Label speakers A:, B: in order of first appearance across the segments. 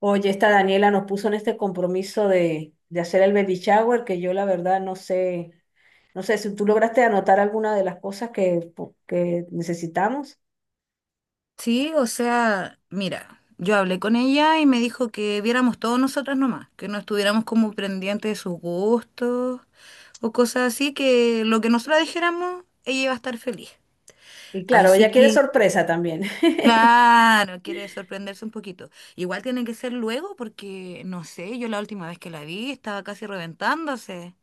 A: Oye, esta Daniela nos puso en este compromiso de hacer el baby shower, que yo la verdad no sé, si tú lograste anotar alguna de las cosas que necesitamos.
B: Sí, o sea, mira, yo hablé con ella y me dijo que viéramos todos nosotras nomás, que no estuviéramos como pendientes de sus gustos o cosas así, que lo que nosotras dijéramos, ella iba a estar feliz.
A: Y claro,
B: Así
A: ella quiere
B: que,
A: sorpresa también.
B: claro, quiere sorprenderse un poquito. Igual tiene que ser luego porque, no sé, yo la última vez que la vi estaba casi reventándose.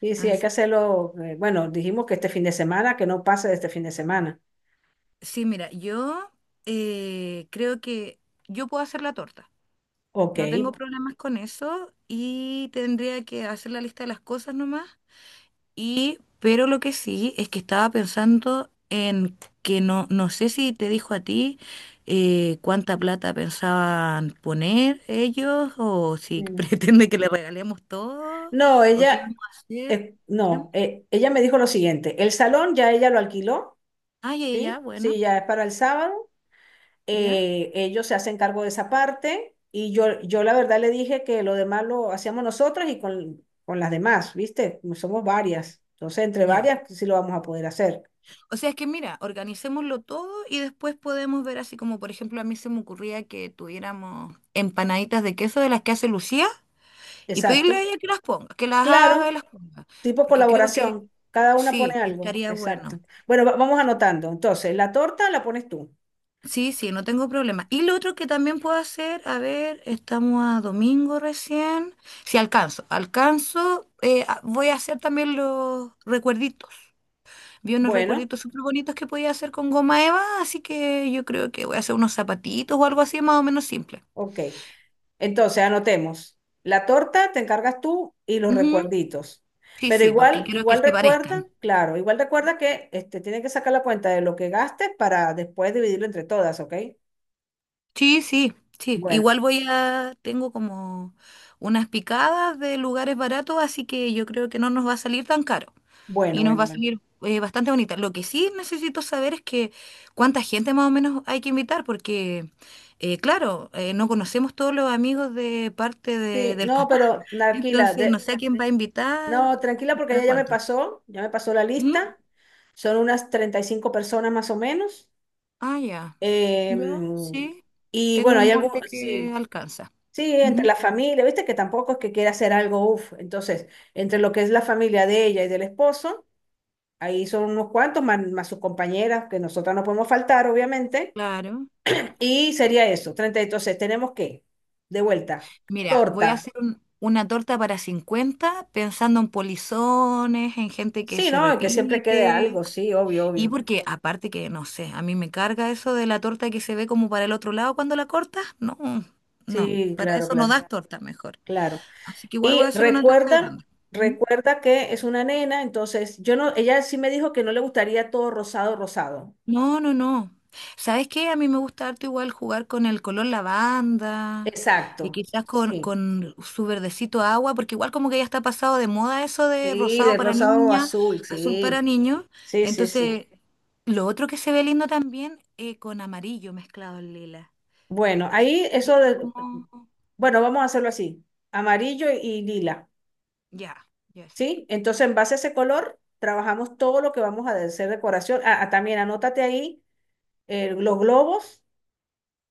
A: Y sí, hay que
B: Así que,
A: hacerlo. Bueno, dijimos que este fin de semana, que no pase de este fin de semana.
B: sí, mira, yo creo que yo puedo hacer la torta.
A: Ok.
B: No tengo problemas con eso y tendría que hacer la lista de las cosas nomás. Y, pero lo que sí es que estaba pensando en que no, no sé si te dijo a ti cuánta plata pensaban poner ellos o si
A: Mm.
B: pretende que le regalemos todo
A: No,
B: o qué
A: ella,
B: vamos a hacer.
A: no, ella me dijo lo siguiente, el salón ya ella lo alquiló,
B: Ah, ya, ya, ya,
A: ¿sí? Sí,
B: bueno,
A: ya es para el sábado.
B: ya,
A: Ellos se hacen cargo de esa parte y yo la verdad le dije que lo demás lo hacíamos nosotras y con las demás, ¿viste? Como somos varias, entonces entre
B: ya.
A: varias pues sí lo vamos a poder hacer.
B: O sea, es que mira, organicémoslo todo y después podemos ver así como, por ejemplo, a mí se me ocurría que tuviéramos empanaditas de queso de las que hace Lucía y
A: Exacto.
B: pedirle a ella que las ponga, que las haga y
A: Claro,
B: las ponga,
A: tipo
B: porque creo que
A: colaboración, cada una pone
B: sí, que
A: algo,
B: estaría
A: exacto.
B: bueno.
A: Bueno, vamos anotando. Entonces, la torta la pones tú.
B: Sí, sí, no tengo problema. Y lo otro que también puedo hacer, a ver, estamos a domingo recién. Si alcanzo, alcanzo, voy a hacer también los recuerditos. Vi unos
A: Bueno,
B: recuerditos súper bonitos que podía hacer con goma eva, así que yo creo que voy a hacer unos zapatitos o algo así más o menos simple.
A: ok. Entonces, anotemos. La torta te encargas tú y los
B: Ujú.
A: recuerditos.
B: Sí,
A: Pero
B: sí, porque
A: igual,
B: quiero que
A: igual
B: se
A: recuerda,
B: parezcan.
A: claro, igual recuerda que este, tienen que sacar la cuenta de lo que gastes para después dividirlo entre todas, ¿ok?
B: Sí, sí, sí.
A: Bueno,
B: Igual tengo como unas picadas de lugares baratos, así que yo creo que no nos va a salir tan caro
A: bueno,
B: y nos
A: bueno,
B: va a
A: bueno.
B: salir bastante bonita. Lo que sí necesito saber es que cuánta gente más o menos hay que invitar, porque claro, no conocemos todos los amigos
A: Sí,
B: del
A: no,
B: papá.
A: pero tranquila,
B: Entonces, no sé a quién va a invitar,
A: no, tranquila porque ella
B: para cuánto.
A: ya me pasó la lista.
B: Ujú.
A: Son unas 35 personas más o menos.
B: Ah, ya. Ya,
A: Em,
B: sí.
A: y
B: Tengo
A: bueno,
B: un
A: hay
B: molde
A: algún,
B: que
A: sí.
B: alcanza.
A: Sí, entre
B: Ujú.
A: la familia, viste que tampoco es que quiera hacer algo, uff. Entonces, entre lo que es la familia de ella y del esposo, ahí son unos cuantos, más, más sus compañeras, que nosotras no podemos faltar, obviamente.
B: Claro.
A: Y sería eso, 30. Entonces, tenemos que, de vuelta,
B: Mira, voy a
A: torta.
B: hacer una torta para 50 pensando en polizones, en gente que
A: Sí,
B: se
A: ¿no? Y que siempre quede algo,
B: repite.
A: sí, obvio,
B: Y
A: obvio.
B: porque aparte que, no sé, a mí me carga eso de la torta que se ve como para el otro lado cuando la cortas. No, no.
A: Sí,
B: Para
A: claro,
B: eso no
A: claro,
B: das torta mejor.
A: claro.
B: Así que igual voy a
A: Y
B: hacer una torta
A: recuerda,
B: grande.
A: recuerda que es una nena, entonces, yo no, ella sí me dijo que no le gustaría todo rosado, rosado.
B: No, no, no. ¿Sabes qué? A mí me gusta harto igual jugar con el color lavanda y
A: Exacto.
B: quizás
A: Sí,
B: con su verdecito agua, porque igual como que ya está pasado de moda eso de
A: sí,
B: rosado
A: de
B: para
A: rosado
B: niña,
A: azul,
B: azul para
A: sí.
B: niños.
A: Sí, sí, sí.
B: Entonces, lo otro que se ve lindo también con amarillo mezclado en lila.
A: Bueno,
B: Así que
A: ahí
B: podría ser como...
A: bueno, vamos a hacerlo así. Amarillo y lila,
B: Ya, ya sí.
A: ¿sí? Entonces, en base a ese color, trabajamos todo lo que vamos a hacer decoración. Ah, ah, también anótate ahí los globos,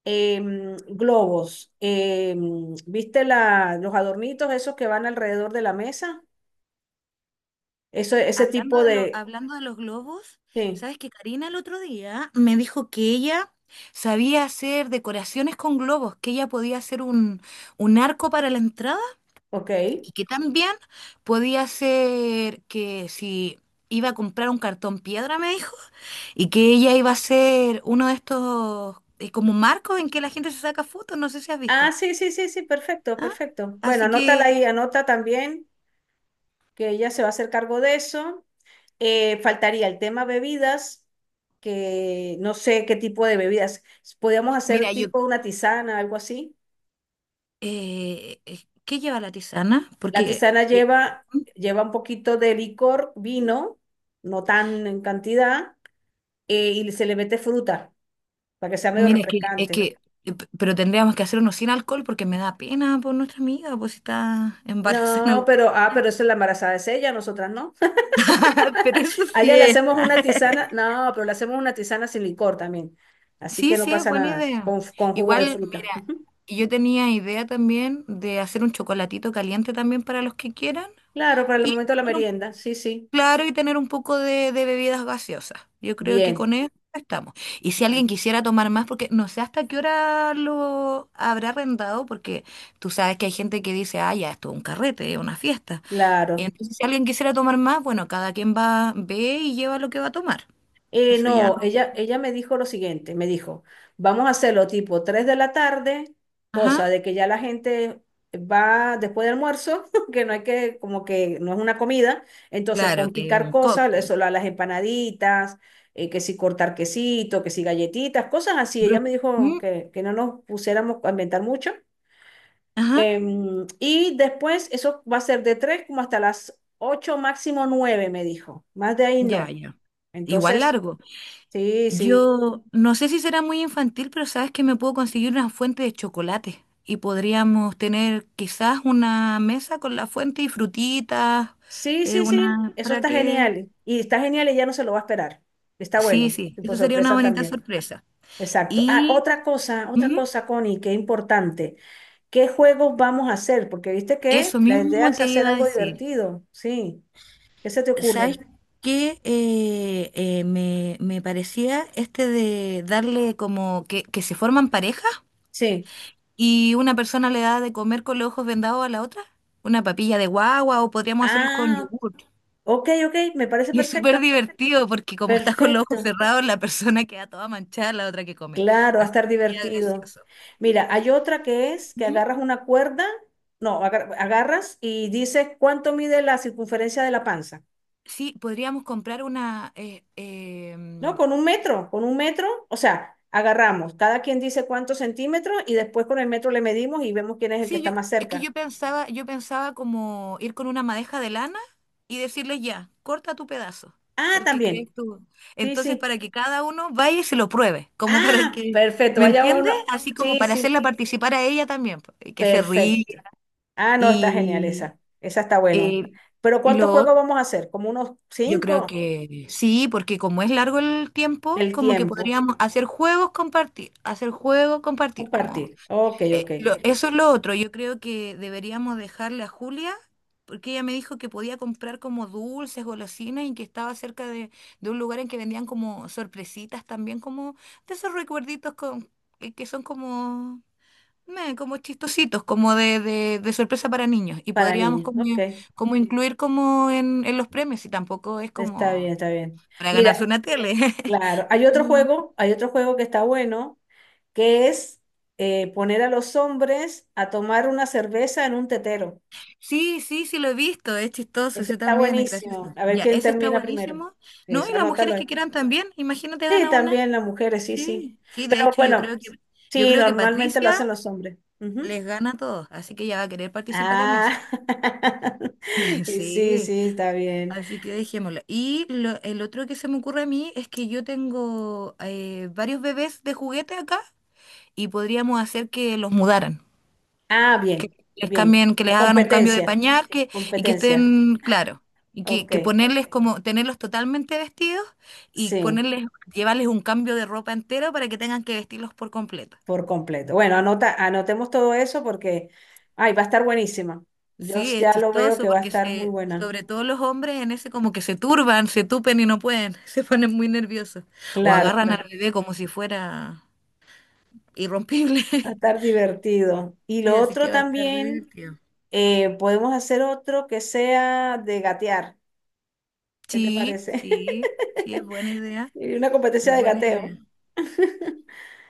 A: globos, ¿viste los adornitos esos que van alrededor de la mesa? Eso, ese tipo de...
B: Hablando de los globos,
A: Sí,
B: ¿sabes que Karina el otro día me dijo que ella sabía hacer decoraciones con globos, que ella podía hacer un arco para la entrada
A: ok.
B: y que también podía hacer que si iba a comprar un cartón piedra, me dijo, y que ella iba a hacer uno de estos como marcos en que la gente se saca fotos, no sé si has
A: Ah,
B: visto.
A: sí, sí, sí, sí, perfecto,
B: ¿Ah?
A: perfecto. Bueno,
B: Así
A: anótala ahí,
B: que,
A: anota también que ella se va a hacer cargo de eso. Faltaría el tema bebidas, que no sé qué tipo de bebidas. Podríamos
B: mira,
A: hacer
B: yo,
A: tipo una tisana, algo así.
B: ¿qué lleva la tisana?
A: La
B: Porque...
A: tisana lleva, lleva un poquito de licor, vino, no tan en cantidad, y se le mete fruta para que sea medio
B: mira, es que, es
A: refrescante.
B: que, eh, p- pero tendríamos que hacer uno sin alcohol porque me da pena por nuestra amiga, pues si está embarazada,
A: No,
B: weá.
A: pero, ah, pero eso es, la embarazada es ella, nosotras no.
B: Pero eso
A: A
B: sí
A: ella le hacemos
B: está.
A: una tisana, no, pero le hacemos una tisana sin licor también. Así
B: Sí,
A: que no
B: sí, es
A: pasa
B: buena
A: nada,
B: idea.
A: con jugo de
B: Igual,
A: fruta.
B: mira, yo tenía idea también de hacer un chocolatito caliente también para los que quieran.
A: Claro, para el
B: Y
A: momento de la merienda, sí, sí.
B: claro, y tener un poco de bebidas gaseosas. Yo creo que con
A: Bien,
B: eso estamos. Y si
A: bueno,
B: alguien quisiera tomar más, porque no sé hasta qué hora lo habrá arrendado, porque tú sabes que hay gente que dice, ah, ya, esto es un carrete, es una fiesta. Y
A: claro.
B: entonces, si alguien quisiera tomar más, bueno, cada quien va, ve y lleva lo que va a tomar. Eso ya
A: No,
B: no.
A: ella, ella me dijo lo siguiente, me dijo, vamos a hacerlo tipo 3 de la tarde, cosa
B: Ajá.
A: de que ya la gente va después del almuerzo, que no hay que, como que no es una comida, entonces
B: Claro,
A: con
B: que es
A: picar
B: un
A: cosas, eso,
B: cóctel.
A: las empanaditas, que si cortar quesito, que si galletitas, cosas así. Ella
B: Bro-
A: me dijo
B: mm,
A: que no nos pusiéramos a inventar mucho.
B: Ajá.
A: Y después eso va a ser de 3 como hasta las 8 máximo 9, me dijo. Más de ahí
B: Ya,
A: no.
B: ya. Igual
A: Entonces,
B: largo.
A: sí, sí.
B: Yo no sé si será muy infantil, pero sabes que me puedo conseguir una fuente de chocolate y podríamos tener quizás una mesa con la fuente y frutitas,
A: Sí, sí, sí.
B: una
A: Eso
B: para
A: está
B: que...
A: genial. Y está genial, y ya no se lo va a esperar. Está
B: Sí,
A: bueno.
B: sí,
A: Y por
B: eso sería una
A: sorpresa
B: bonita
A: también.
B: sorpresa.
A: Exacto. Ah,
B: Y
A: otra
B: ujú,
A: cosa, Connie, que es importante. ¿Qué juegos vamos a hacer? Porque viste que
B: eso
A: la idea
B: mismo
A: es
B: te
A: hacer
B: iba a
A: algo
B: decir.
A: divertido. Sí. ¿Qué se te
B: ¿Sabes
A: ocurre?
B: qué? Me parecía este de darle como que se forman parejas
A: Sí.
B: y una persona le da de comer con los ojos vendados a la otra, una papilla de guagua o podríamos hacerlos con
A: Ah,
B: yogur.
A: ok, ok. Me parece
B: Y es súper
A: perfecto.
B: divertido porque como estás con los ojos
A: Perfecto.
B: cerrados, la persona queda toda manchada, la otra que come.
A: Claro, va a
B: Así
A: estar
B: que sería
A: divertido.
B: gracioso.
A: Mira, hay otra que es que
B: Ujú.
A: agarras una cuerda, no, agarras y dices cuánto mide la circunferencia de la panza,
B: Sí, podríamos comprar una,
A: ¿no? Con un metro, o sea, agarramos, cada quien dice cuántos centímetros y después con el metro le medimos y vemos quién es el que
B: sí,
A: está
B: yo,
A: más
B: es que
A: cerca.
B: yo pensaba como ir con una madeja de lana y decirles ya, corta tu pedazo,
A: Ah,
B: el que crees
A: también,
B: tú.
A: sí,
B: Entonces,
A: sí.
B: para que cada uno vaya y se lo pruebe, como para
A: Ah,
B: que,
A: perfecto,
B: ¿me
A: vaya
B: entiendes?
A: uno.
B: Así como
A: Sí,
B: para
A: sí,
B: hacerla participar a ella también, po, y que se ríe.
A: perfecto. Ah, no, está genial
B: Y
A: esa, esa está bueno.
B: eh,
A: Pero ¿cuántos juegos
B: lo,
A: vamos a hacer? ¿Como unos
B: yo creo
A: cinco?
B: que sí, porque como es largo el tiempo,
A: El
B: como que
A: tiempo.
B: podríamos hacer juegos, compartir, como
A: Compartir. Ok, ok.
B: eso es lo otro. Yo creo que deberíamos dejarle a Julia, porque ella me dijo que podía comprar como dulces, golosinas y que estaba cerca de un lugar en que vendían como sorpresitas también, como de esos recuerditos con, que son como, meh, como chistositos, como de sorpresa para niños. Y
A: Para
B: podríamos
A: niños.
B: como,
A: Ok.
B: como incluir como en los premios, y tampoco es
A: Está bien,
B: como
A: está bien.
B: para ganarse
A: Mira,
B: una tele.
A: claro,
B: Es como
A: hay otro juego que está bueno, que es poner a los hombres a tomar una cerveza en un tetero.
B: sí, sí, sí lo he visto, es chistoso,
A: Ese
B: ese
A: está
B: también es
A: buenísimo.
B: gracioso.
A: A ver
B: Ya,
A: quién
B: ese está
A: termina primero.
B: buenísimo. No,
A: Eso,
B: y las
A: anótalo
B: mujeres
A: ahí.
B: que quieran también, imagínate
A: Sí,
B: gana una.
A: también las mujeres, sí, sí.
B: Sí, sí, de
A: Pero
B: hecho
A: bueno,
B: yo
A: sí,
B: creo que
A: normalmente lo hacen
B: Patricia
A: los hombres. Ujú.
B: les gana a todos, así que ella va a querer participar en eso.
A: Ah, y sí,
B: Sí,
A: sí, está bien.
B: así que dejémoslo. Y el otro que se me ocurre a mí es que yo tengo varios bebés de juguete acá y podríamos hacer que los mudaran.
A: Ah,
B: Que
A: bien,
B: les
A: bien.
B: cambien, que les hagan un cambio de
A: Competencia.
B: pañal que, y que
A: Competencia.
B: estén claro. Y
A: Ok,
B: que ponerles como, tenerlos totalmente vestidos y
A: sí,
B: ponerles, llevarles un cambio de ropa entero para que tengan que vestirlos por completo.
A: por completo. Bueno, anota, anotemos todo eso porque, ay, va a estar buenísima.
B: Sí, es
A: Ya lo veo
B: chistoso
A: que va a
B: porque
A: estar muy
B: se,
A: buena.
B: sobre todo los hombres en ese como que se turban, se tupen y no pueden, se ponen muy nerviosos. O
A: Claro,
B: agarran
A: claro.
B: al bebé como si fuera irrompible.
A: Va a estar divertido. Y
B: Sí,
A: lo
B: así
A: otro
B: que va a estar re
A: también,
B: divertido.
A: podemos hacer otro que sea de gatear. ¿Qué te
B: Sí,
A: parece?
B: sí, sí, es buena idea,
A: Y una competencia
B: es
A: de
B: buena
A: gateo.
B: idea.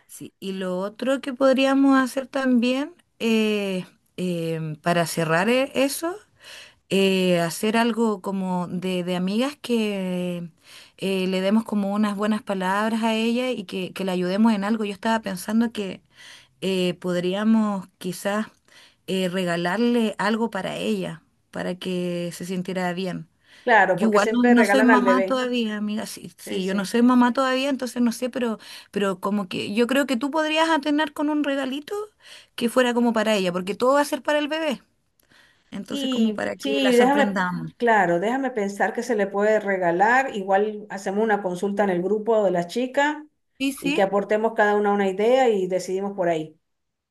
B: Sí, y lo otro que podríamos hacer también, para cerrar eso, hacer algo como de amigas que le demos como unas buenas palabras a ella y que la ayudemos en algo. Yo estaba pensando que podríamos quizás regalarle algo para ella, para que se sintiera bien.
A: Claro,
B: Yo
A: porque
B: igual no,
A: siempre
B: no soy
A: regalan al
B: mamá
A: bebé.
B: todavía, amiga. Sí,
A: Sí,
B: sí, yo no
A: sí.
B: soy mamá todavía, entonces no sé, pero como que yo creo que tú podrías atener con un regalito que fuera como para ella, porque todo va a ser para el bebé. Entonces, como
A: Y
B: para que
A: sí,
B: la
A: déjame,
B: sorprendamos.
A: claro, déjame pensar que se le puede regalar. Igual hacemos una consulta en el grupo de las chicas
B: Sí,
A: y que
B: sí,
A: aportemos cada una idea y decidimos por ahí.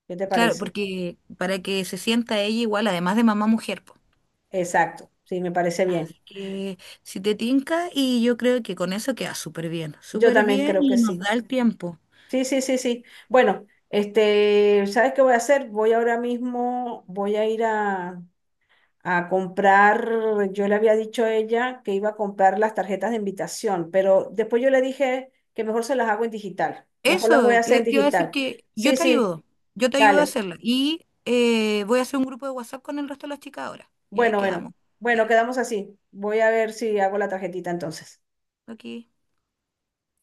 A: ¿Qué te
B: claro,
A: parece?
B: porque para que se sienta ella igual, además de mamá mujer, po.
A: Exacto, sí, me parece bien.
B: Que si te tinca, y yo creo que con eso queda
A: Yo
B: súper
A: también
B: bien
A: creo que
B: y nos
A: sí.
B: da el tiempo.
A: Sí, sí, sí, sí. Bueno, este, ¿sabes qué voy a hacer? Voy ahora mismo, voy a ir a comprar, yo le había dicho a ella que iba a comprar las tarjetas de invitación, pero después yo le dije que mejor se las hago en digital, mejor las
B: Eso,
A: voy a hacer
B: te,
A: en
B: te iba a decir
A: digital.
B: que
A: Sí, sí,
B: yo te ayudo a
A: dale.
B: hacerlo. Y voy a hacer un grupo de WhatsApp con el resto de las chicas ahora. Y ahí
A: Bueno, bueno,
B: quedamos. Ok,
A: bueno, quedamos así. Voy a ver si hago la tarjetita entonces.
B: ok.